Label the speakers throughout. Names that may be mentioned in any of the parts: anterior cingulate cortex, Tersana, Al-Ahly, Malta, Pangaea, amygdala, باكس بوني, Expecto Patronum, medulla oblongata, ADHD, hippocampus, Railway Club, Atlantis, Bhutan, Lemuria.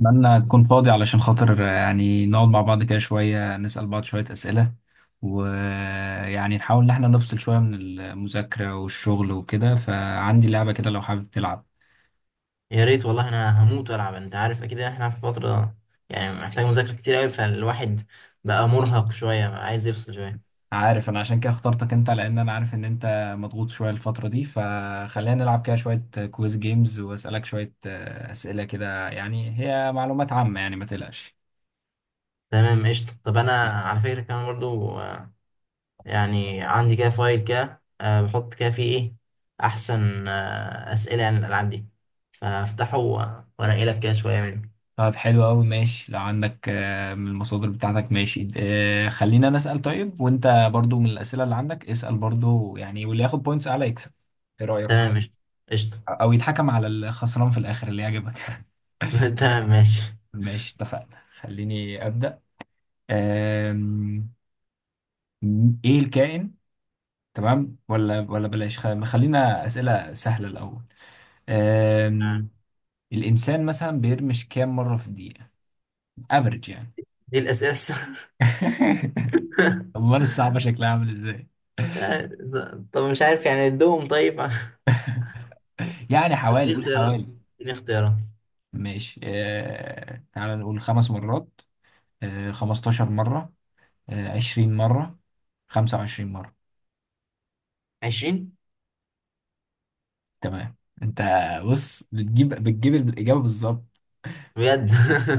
Speaker 1: اتمنى تكون فاضي علشان خاطر يعني نقعد مع بعض كده شوية نسأل بعض شوية أسئلة ويعني نحاول إن احنا نفصل شوية من المذاكرة والشغل وكده فعندي لعبة كده لو حابب تلعب.
Speaker 2: يا ريت والله انا هموت والعب. انت عارف اكيد احنا في فتره يعني محتاج مذاكره كتير قوي، فالواحد بقى مرهق شويه، بقى عايز يفصل شويه.
Speaker 1: عارف أنا عشان كده اخترتك أنت لأن أنا عارف إن أنت مضغوط شوية الفترة دي، فخلينا نلعب كده شوية كويز جيمز وأسألك شوية أسئلة كده، يعني هي معلومات عامة يعني ما تقلقش.
Speaker 2: تمام، قشطه. طب انا على فكره كمان برضو يعني عندي كده فايل كده، بحط كده فيه ايه احسن، اسئله عن الالعاب دي، فافتحه وانقي لك كده شويه منه.
Speaker 1: طب حلو أوي، ماشي. لو عندك من المصادر بتاعتك ماشي، خلينا نسأل. طيب وأنت برضو من الأسئلة اللي عندك اسأل برضو يعني، واللي ياخد بوينتس أعلى يكسب. إيه رأيك؟
Speaker 2: تمام، قشطه قشطه.
Speaker 1: أو يتحكم على الخسران في الآخر، اللي يعجبك.
Speaker 2: تمام ماشي.
Speaker 1: ماشي اتفقنا، خليني أبدأ. آم، إيه الكائن؟ تمام، ولا بلاش، خلينا أسئلة سهلة الأول.
Speaker 2: آه.
Speaker 1: آم، الإنسان مثلا بيرمش كام مرة في الدقيقة؟ افريج يعني.
Speaker 2: دي
Speaker 1: أمال الصعبة شكلها عامل إزاي؟
Speaker 2: مش عارف. طب مش عارف، يعني ادوهم طيب.
Speaker 1: يعني حوالي،
Speaker 2: اديني
Speaker 1: قول حوالي.
Speaker 2: اختيارات، اديني اختيارات.
Speaker 1: ماشي، آه تعال نقول خمس مرات، آه 15 مرة، آه 20 مرة، 25 مرة.
Speaker 2: 20.
Speaker 1: تمام. انت بص، بتجيب الإجابة بالظبط.
Speaker 2: بجد؟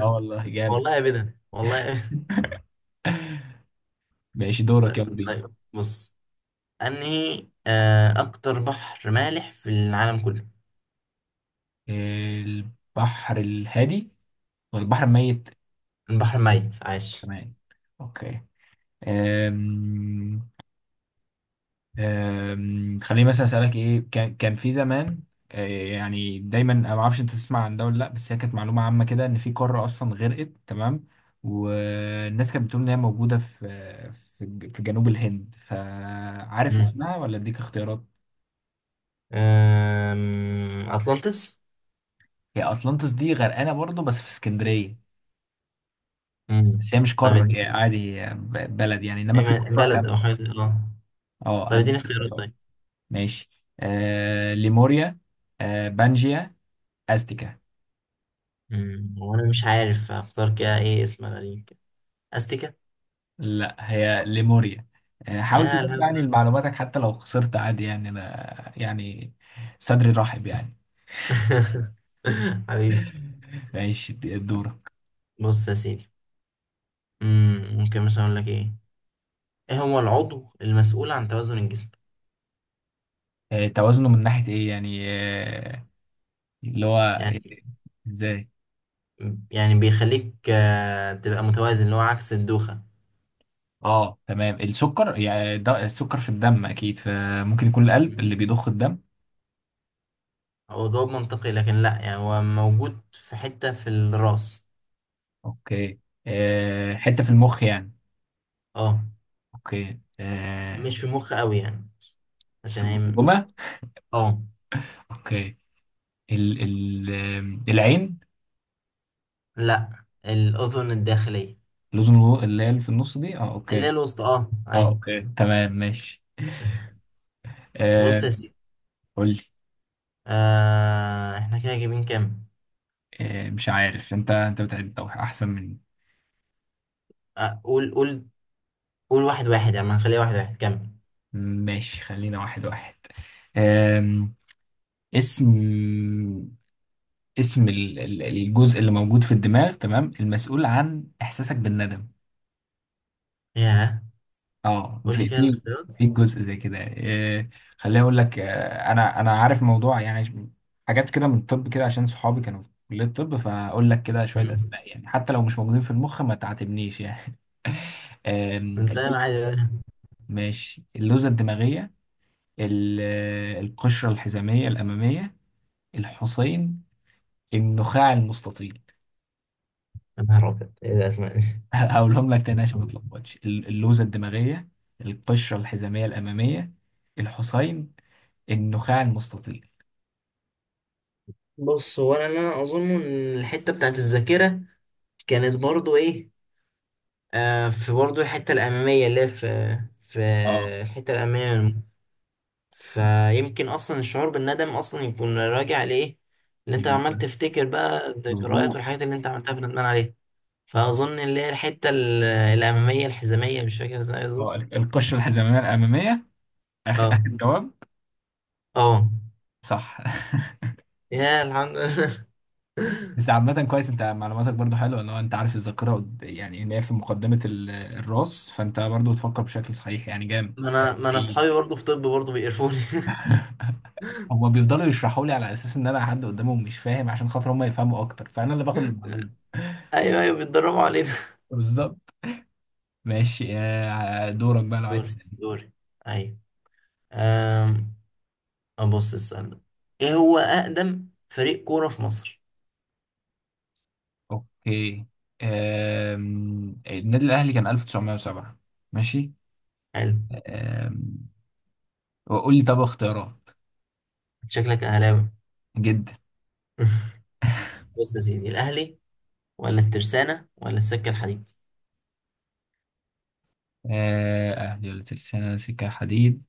Speaker 1: اه والله جامد.
Speaker 2: والله ابدا، والله أبداً.
Speaker 1: ماشي، دورك،
Speaker 2: طيب
Speaker 1: يلا بينا.
Speaker 2: طيب، بص. انهي اكتر بحر مالح في العالم كله؟
Speaker 1: البحر الهادي ولا البحر الميت؟
Speaker 2: البحر الميت عايش.
Speaker 1: تمام. اوكي. آم، خليني مثلا اسالك، ايه كان في زمان، يعني دايما انا ما اعرفش انت تسمع عن ده ولا لا، بس هي كانت معلومه عامه كده ان في قاره اصلا غرقت، تمام، والناس كانت بتقول ان هي موجوده في في في جنوب الهند، فعارف
Speaker 2: مم.
Speaker 1: اسمها ولا اديك اختيارات؟
Speaker 2: آم، اطلانتس.
Speaker 1: هي اطلانتس دي غرقانه برضو بس في اسكندريه،
Speaker 2: مم.
Speaker 1: بس هي مش
Speaker 2: طب
Speaker 1: قاره، هي
Speaker 2: اديني
Speaker 1: عادي هي بلد يعني، انما
Speaker 2: أي
Speaker 1: في قاره
Speaker 2: بلد او
Speaker 1: كامله.
Speaker 2: حاجه اه.
Speaker 1: اه
Speaker 2: طب
Speaker 1: هديك
Speaker 2: اديني اختيارات
Speaker 1: اختيارات.
Speaker 2: طيب.
Speaker 1: ماشي، آه ليموريا، آه بانجيا، استيكا.
Speaker 2: مم. وانا مش عارف اختار كده، ايه اسم غريب كده؟ استيكا.
Speaker 1: لا هي ليموريا. حاول
Speaker 2: يا
Speaker 1: تضيف يعني
Speaker 2: الهبل.
Speaker 1: لمعلوماتك، حتى لو خسرت عادي يعني، انا يعني صدري رحب يعني.
Speaker 2: حبيبي.
Speaker 1: ماشي دورك.
Speaker 2: بص يا سيدي. مم. ممكن مثلا اقول لك ايه، ايه هو العضو المسؤول عن توازن الجسم؟
Speaker 1: توازنه من ناحية ايه يعني؟ اللي هو
Speaker 2: يعني
Speaker 1: إيه؟ ازاي؟
Speaker 2: يعني بيخليك تبقى متوازن، اللي هو عكس الدوخة.
Speaker 1: اه تمام، السكر يعني، ده السكر في الدم اكيد، فممكن يكون القلب اللي
Speaker 2: مم.
Speaker 1: بيضخ الدم.
Speaker 2: هو جواب منطقي لكن لا، يعني هو موجود في حتة في الراس.
Speaker 1: اوكي، حتة في المخ يعني؟
Speaker 2: اه.
Speaker 1: اوكي،
Speaker 2: مش في مخ قوي يعني، عشان
Speaker 1: في
Speaker 2: هي م-
Speaker 1: الجمجمة.
Speaker 2: اه.
Speaker 1: اوكي. ال العين؟
Speaker 2: لا، الأذن الداخلية.
Speaker 1: لوزن اللي هي اللي في النص دي، اه
Speaker 2: اللي هي
Speaker 1: اوكي.
Speaker 2: الوسطى، اه
Speaker 1: اه
Speaker 2: اي.
Speaker 1: اوكي تمام ماشي.
Speaker 2: بص
Speaker 1: آه
Speaker 2: يا سيدي،
Speaker 1: قول لي.
Speaker 2: آه احنا كده جايبين كام؟
Speaker 1: آه مش عارف، انت بتعد او احسن مني.
Speaker 2: آه قول قول. قول واحد واحد، يعني ما نخليها واحد واحد. كمل.
Speaker 1: ماشي خلينا واحد واحد. آم، اسم، اسم الجزء اللي موجود في الدماغ تمام، المسؤول عن احساسك بالندم.
Speaker 2: ياه،
Speaker 1: اه
Speaker 2: قول لي
Speaker 1: في
Speaker 2: كده
Speaker 1: في
Speaker 2: الاختيارات.
Speaker 1: في جزء زي كده إيه. خليني اقول لك، انا عارف موضوع يعني، حاجات كده من الطب كده عشان صحابي كانوا في كلية الطب، فاقول لك كده شوية
Speaker 2: مم.
Speaker 1: اسماء يعني حتى لو مش موجودين في المخ ما تعاتبنيش يعني.
Speaker 2: انت
Speaker 1: اللوز.
Speaker 2: عادي.
Speaker 1: ماشي، اللوزة الدماغية، القشرة الحزامية الأمامية، الحصين، النخاع المستطيل.
Speaker 2: يا نهار أبيض، إيه الأسماء دي؟
Speaker 1: هقولهم لك تاني عشان ما تلخبطش، اللوزة الدماغية، القشرة الحزامية الأمامية، الحصين، النخاع المستطيل.
Speaker 2: بص، هو أنا اللي أنا أظن إن الحتة بتاعت الذاكرة كانت برضو إيه، آه في برضو الحتة الأمامية اللي هي في
Speaker 1: اه
Speaker 2: الحتة الأمامية. فيمكن أصلا الشعور بالندم أصلا يكون راجع لإيه اللي أنت عمال تفتكر بقى، الذكريات
Speaker 1: مظبوط.
Speaker 2: والحاجات اللي أنت عملتها فندمان عليها. فأظن اللي هي الحتة الأمامية الحزامية، مش فاكر إزاي
Speaker 1: اه
Speaker 2: بالظبط.
Speaker 1: القشره الحزاميه الاماميه، اخر
Speaker 2: أه.
Speaker 1: اخر جواب.
Speaker 2: أه.
Speaker 1: صح.
Speaker 2: يا الحمد لله.
Speaker 1: بس عامه كويس، انت معلوماتك برضو حلوه، لو انت عارف الذاكره يعني ان هي في مقدمه الراس، فانت برضو تفكر بشكل صحيح يعني، جامد
Speaker 2: ما
Speaker 1: جامد
Speaker 2: أنا ما أنا أصحابي
Speaker 1: حقيقي.
Speaker 2: برضو في طب برضو بيقرفوني.
Speaker 1: هما بيفضلوا يشرحوا لي على اساس ان انا حد قدامهم مش فاهم عشان خاطر هما يفهموا اكتر، فانا اللي باخد المعلومه.
Speaker 2: ايوه ايوه، بيتدربوا علينا.
Speaker 1: بالظبط. ماشي دورك بقى لو عايز
Speaker 2: دوري
Speaker 1: تسألني.
Speaker 2: دوري. ايوه. أم... ابص السؤال ده، ايه هو اقدم فريق كوره في مصر؟
Speaker 1: اوكي، النادي الاهلي كان 1907. ماشي.
Speaker 2: حلو.
Speaker 1: آم، وقول لي طب اختيارات.
Speaker 2: شكلك اهلاوي.
Speaker 1: جدا.
Speaker 2: بص يا سيدي، الاهلي ولا الترسانه ولا السكه الحديد؟
Speaker 1: اهلي ولا ترسانة سكة الحديد؟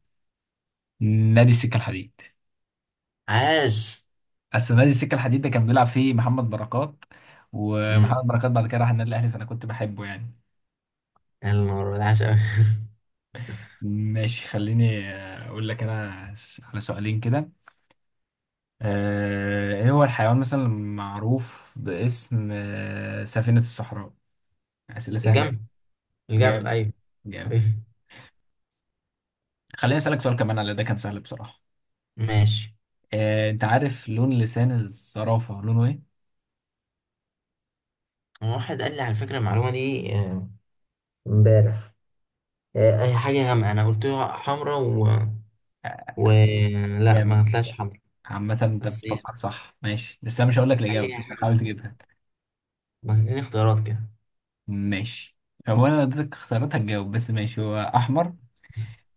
Speaker 1: نادي السكة الحديد.
Speaker 2: عاش.
Speaker 1: اصل نادي السكة الحديد ده كان بيلعب فيه محمد بركات،
Speaker 2: امم.
Speaker 1: ومحمد بركات بعد كده راح النادي الاهلي، فانا كنت بحبه يعني.
Speaker 2: يا نهار أبيض، عاش قوي.
Speaker 1: ماشي خليني اقول لك انا، على سؤالين كده. ايه هو الحيوان مثلا المعروف باسم سفينة الصحراء؟ اسئلة سهلة.
Speaker 2: الجمل، الجمل
Speaker 1: جامد
Speaker 2: ايوه. ايوه
Speaker 1: جامد. خليني اسالك سؤال كمان، على ده كان سهل بصراحة.
Speaker 2: ماشي.
Speaker 1: انت عارف لون لسان الزرافة لونه ايه؟
Speaker 2: هو واحد قال لي على فكره المعلومه دي امبارح. اي حاجه غامقه انا قلت له حمرا و...
Speaker 1: آه،
Speaker 2: و لا، ما
Speaker 1: جامد.
Speaker 2: طلعش حمرا.
Speaker 1: عامة انت
Speaker 2: بس يعني،
Speaker 1: بتفكر صح ماشي، بس انا مش هقول لك الإجابة،
Speaker 2: خليني
Speaker 1: انت حاول
Speaker 2: حاجة،
Speaker 1: تجيبها.
Speaker 2: بس اديني اختيارات كده.
Speaker 1: ماشي. هو انا لو اديتك اختيارات هتجاوب، بس ماشي. هو احمر،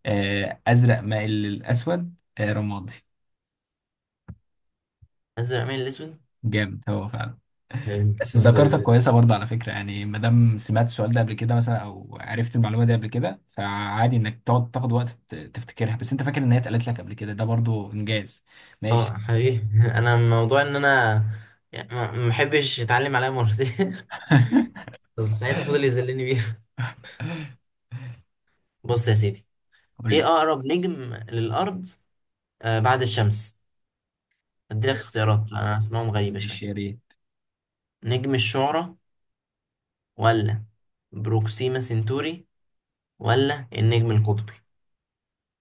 Speaker 1: ازرق مائل للاسود، رمادي؟
Speaker 2: ازرق مين الاسود؟
Speaker 1: جامد هو فعلا.
Speaker 2: فهمت،
Speaker 1: بس
Speaker 2: الحمد
Speaker 1: ذاكرتك
Speaker 2: لله.
Speaker 1: كويسة برضه على فكرة يعني، ما دام سمعت السؤال ده قبل كده مثلا او عرفت المعلومة دي قبل كده، فعادي انك تقعد تاخد وقت تفتكرها، بس انت فاكر ان هي اتقالت لك قبل كده، ده برضه انجاز. ماشي.
Speaker 2: اه حقيقي. انا موضوع ان انا يعني ما بحبش اتعلم عليها مرتين. بس ساعتها فضل يذلني بيها. بص يا سيدي،
Speaker 1: قول
Speaker 2: ايه
Speaker 1: لي.
Speaker 2: اقرب نجم للارض آه بعد الشمس؟ اديلك اختيارات، انا اسمائهم غريبة
Speaker 1: ماشي
Speaker 2: شوية.
Speaker 1: يا ريت.
Speaker 2: نجم الشعرى، ولا بروكسيما سنتوري، ولا النجم القطبي؟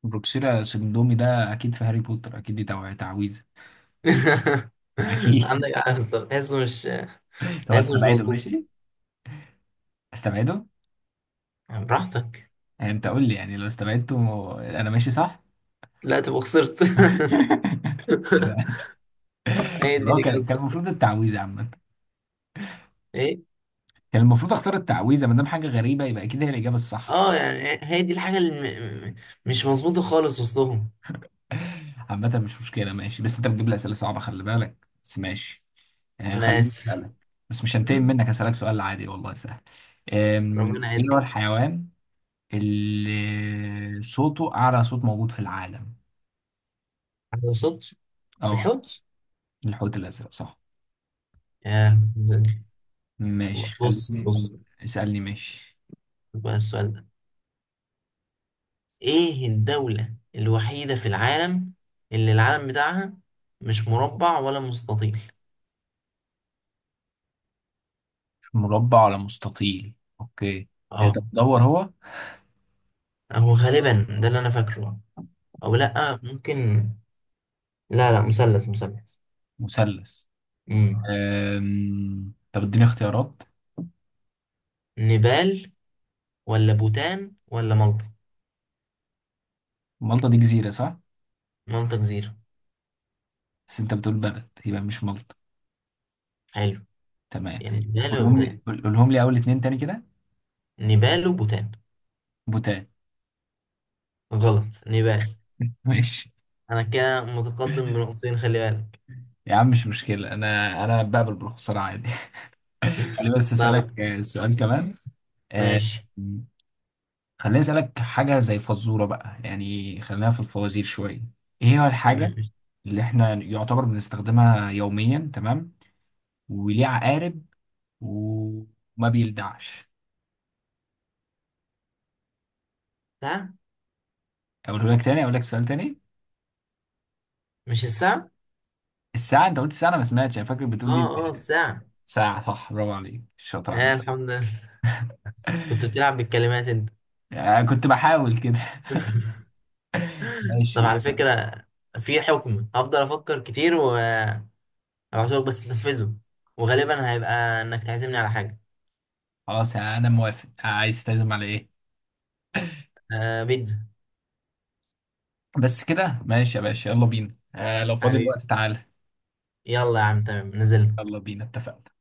Speaker 1: بروكسيرا سيرندومي ده اكيد في هاري بوتر، اكيد دي تعويذه اكيد.
Speaker 2: عندك عارف، تحسه مش
Speaker 1: طب
Speaker 2: تحسه مش
Speaker 1: استبعده
Speaker 2: مظبوط.
Speaker 1: ماشي، استبعده.
Speaker 2: براحتك.
Speaker 1: يعني انت قول لي يعني لو استبعدته انا ماشي صح؟
Speaker 2: لا تبقى خسرت. هي دي
Speaker 1: يبقى هو
Speaker 2: اللي
Speaker 1: كان
Speaker 2: كانت
Speaker 1: المفروض التعويذه عامه،
Speaker 2: ايه.
Speaker 1: كان المفروض اختار التعويذه، ما دام حاجه غريبه يبقى اكيد هي الاجابه الصح.
Speaker 2: اه، يعني هي دي الحاجة اللي مش مظبوطة خالص وسطهم.
Speaker 1: عامه مش مشكله ماشي، بس انت بتجيب لي اسئله صعبه، خلي بالك بس ماشي. آه
Speaker 2: انا
Speaker 1: خليني
Speaker 2: اسف.
Speaker 1: اسالك. بس مش هنتقم منك، هسالك سؤال عادي والله سهل.
Speaker 2: ربنا
Speaker 1: ايه هو
Speaker 2: يعزك.
Speaker 1: الحيوان اللي صوته أعلى صوت موجود في العالم؟
Speaker 2: ما وصلتش.
Speaker 1: اه،
Speaker 2: الحوت.
Speaker 1: الحوت الأزرق صح.
Speaker 2: يا ده-.
Speaker 1: ماشي
Speaker 2: بص
Speaker 1: خليني.
Speaker 2: بص،
Speaker 1: اسألني ماشي.
Speaker 2: بقى السؤال ده، ايه الدولة الوحيدة في العالم اللي العلم بتاعها مش مربع ولا مستطيل؟
Speaker 1: مربع ولا مستطيل. أوكي. طب
Speaker 2: اه،
Speaker 1: دور هو.
Speaker 2: هو غالبا ده اللي انا فاكره، او
Speaker 1: أوه.
Speaker 2: لا ممكن. لا لا، مثلث مثلث.
Speaker 1: مثلث.
Speaker 2: امم.
Speaker 1: طب اديني اختيارات.
Speaker 2: نيبال ولا بوتان ولا مالطا؟
Speaker 1: مالطا دي جزيرة صح؟
Speaker 2: مالطا جزيرة.
Speaker 1: بس انت بتقول بلد يبقى مش مالطا.
Speaker 2: حلو.
Speaker 1: تمام.
Speaker 2: يعني نيبال
Speaker 1: قولهم
Speaker 2: وبوتان.
Speaker 1: لي، قولهم لي أول اتنين تاني كده.
Speaker 2: نيبال وبوتان.
Speaker 1: بوتان.
Speaker 2: غلط، نيبال.
Speaker 1: ماشي.
Speaker 2: أنا كده متقدم بنقطتين، خلي بالك.
Speaker 1: يا عم مش مشكلة، أنا بقبل بالخسارة عادي. خليني بس
Speaker 2: طب.
Speaker 1: أسألك سؤال كمان. آه،
Speaker 2: ماشي.
Speaker 1: خليني أسألك حاجة زي فزورة بقى يعني، خلينا في الفوازير شوية. إيه هو الحاجة
Speaker 2: تمام.
Speaker 1: اللي إحنا يعتبر بنستخدمها يوميا، تمام، وليه عقارب وما بيلدعش؟
Speaker 2: ساعة.
Speaker 1: أقوله لك تاني، أقول لك سؤال تاني.
Speaker 2: مش الساعة؟
Speaker 1: الساعة؟ أنت قلت الساعة، أنا ما سمعتش، أنا فاكر
Speaker 2: اه
Speaker 1: بتقول دي.
Speaker 2: اه الساعة.
Speaker 1: ساعة صح، برافو عليك، شاطر يا عم.
Speaker 2: آه الحمد لله. كنت بتلعب بالكلمات انت.
Speaker 1: كنت بحاول كده.
Speaker 2: طب
Speaker 1: ماشي.
Speaker 2: على فكرة، في حكم هفضل افكر كتير وابعتهولك، بس تنفذه. وغالبا هيبقى انك تعزمني على حاجة،
Speaker 1: خلاص أنا موافق، عايز تعزم على إيه؟
Speaker 2: آه بيتزا.
Speaker 1: بس كده ماشي يا باشا، يلا بينا، آه لو فاضي الوقت
Speaker 2: حبيبي.
Speaker 1: تعالى.
Speaker 2: يلا يا عم، تمام، نزلت.
Speaker 1: يلا بينا، اتفقنا.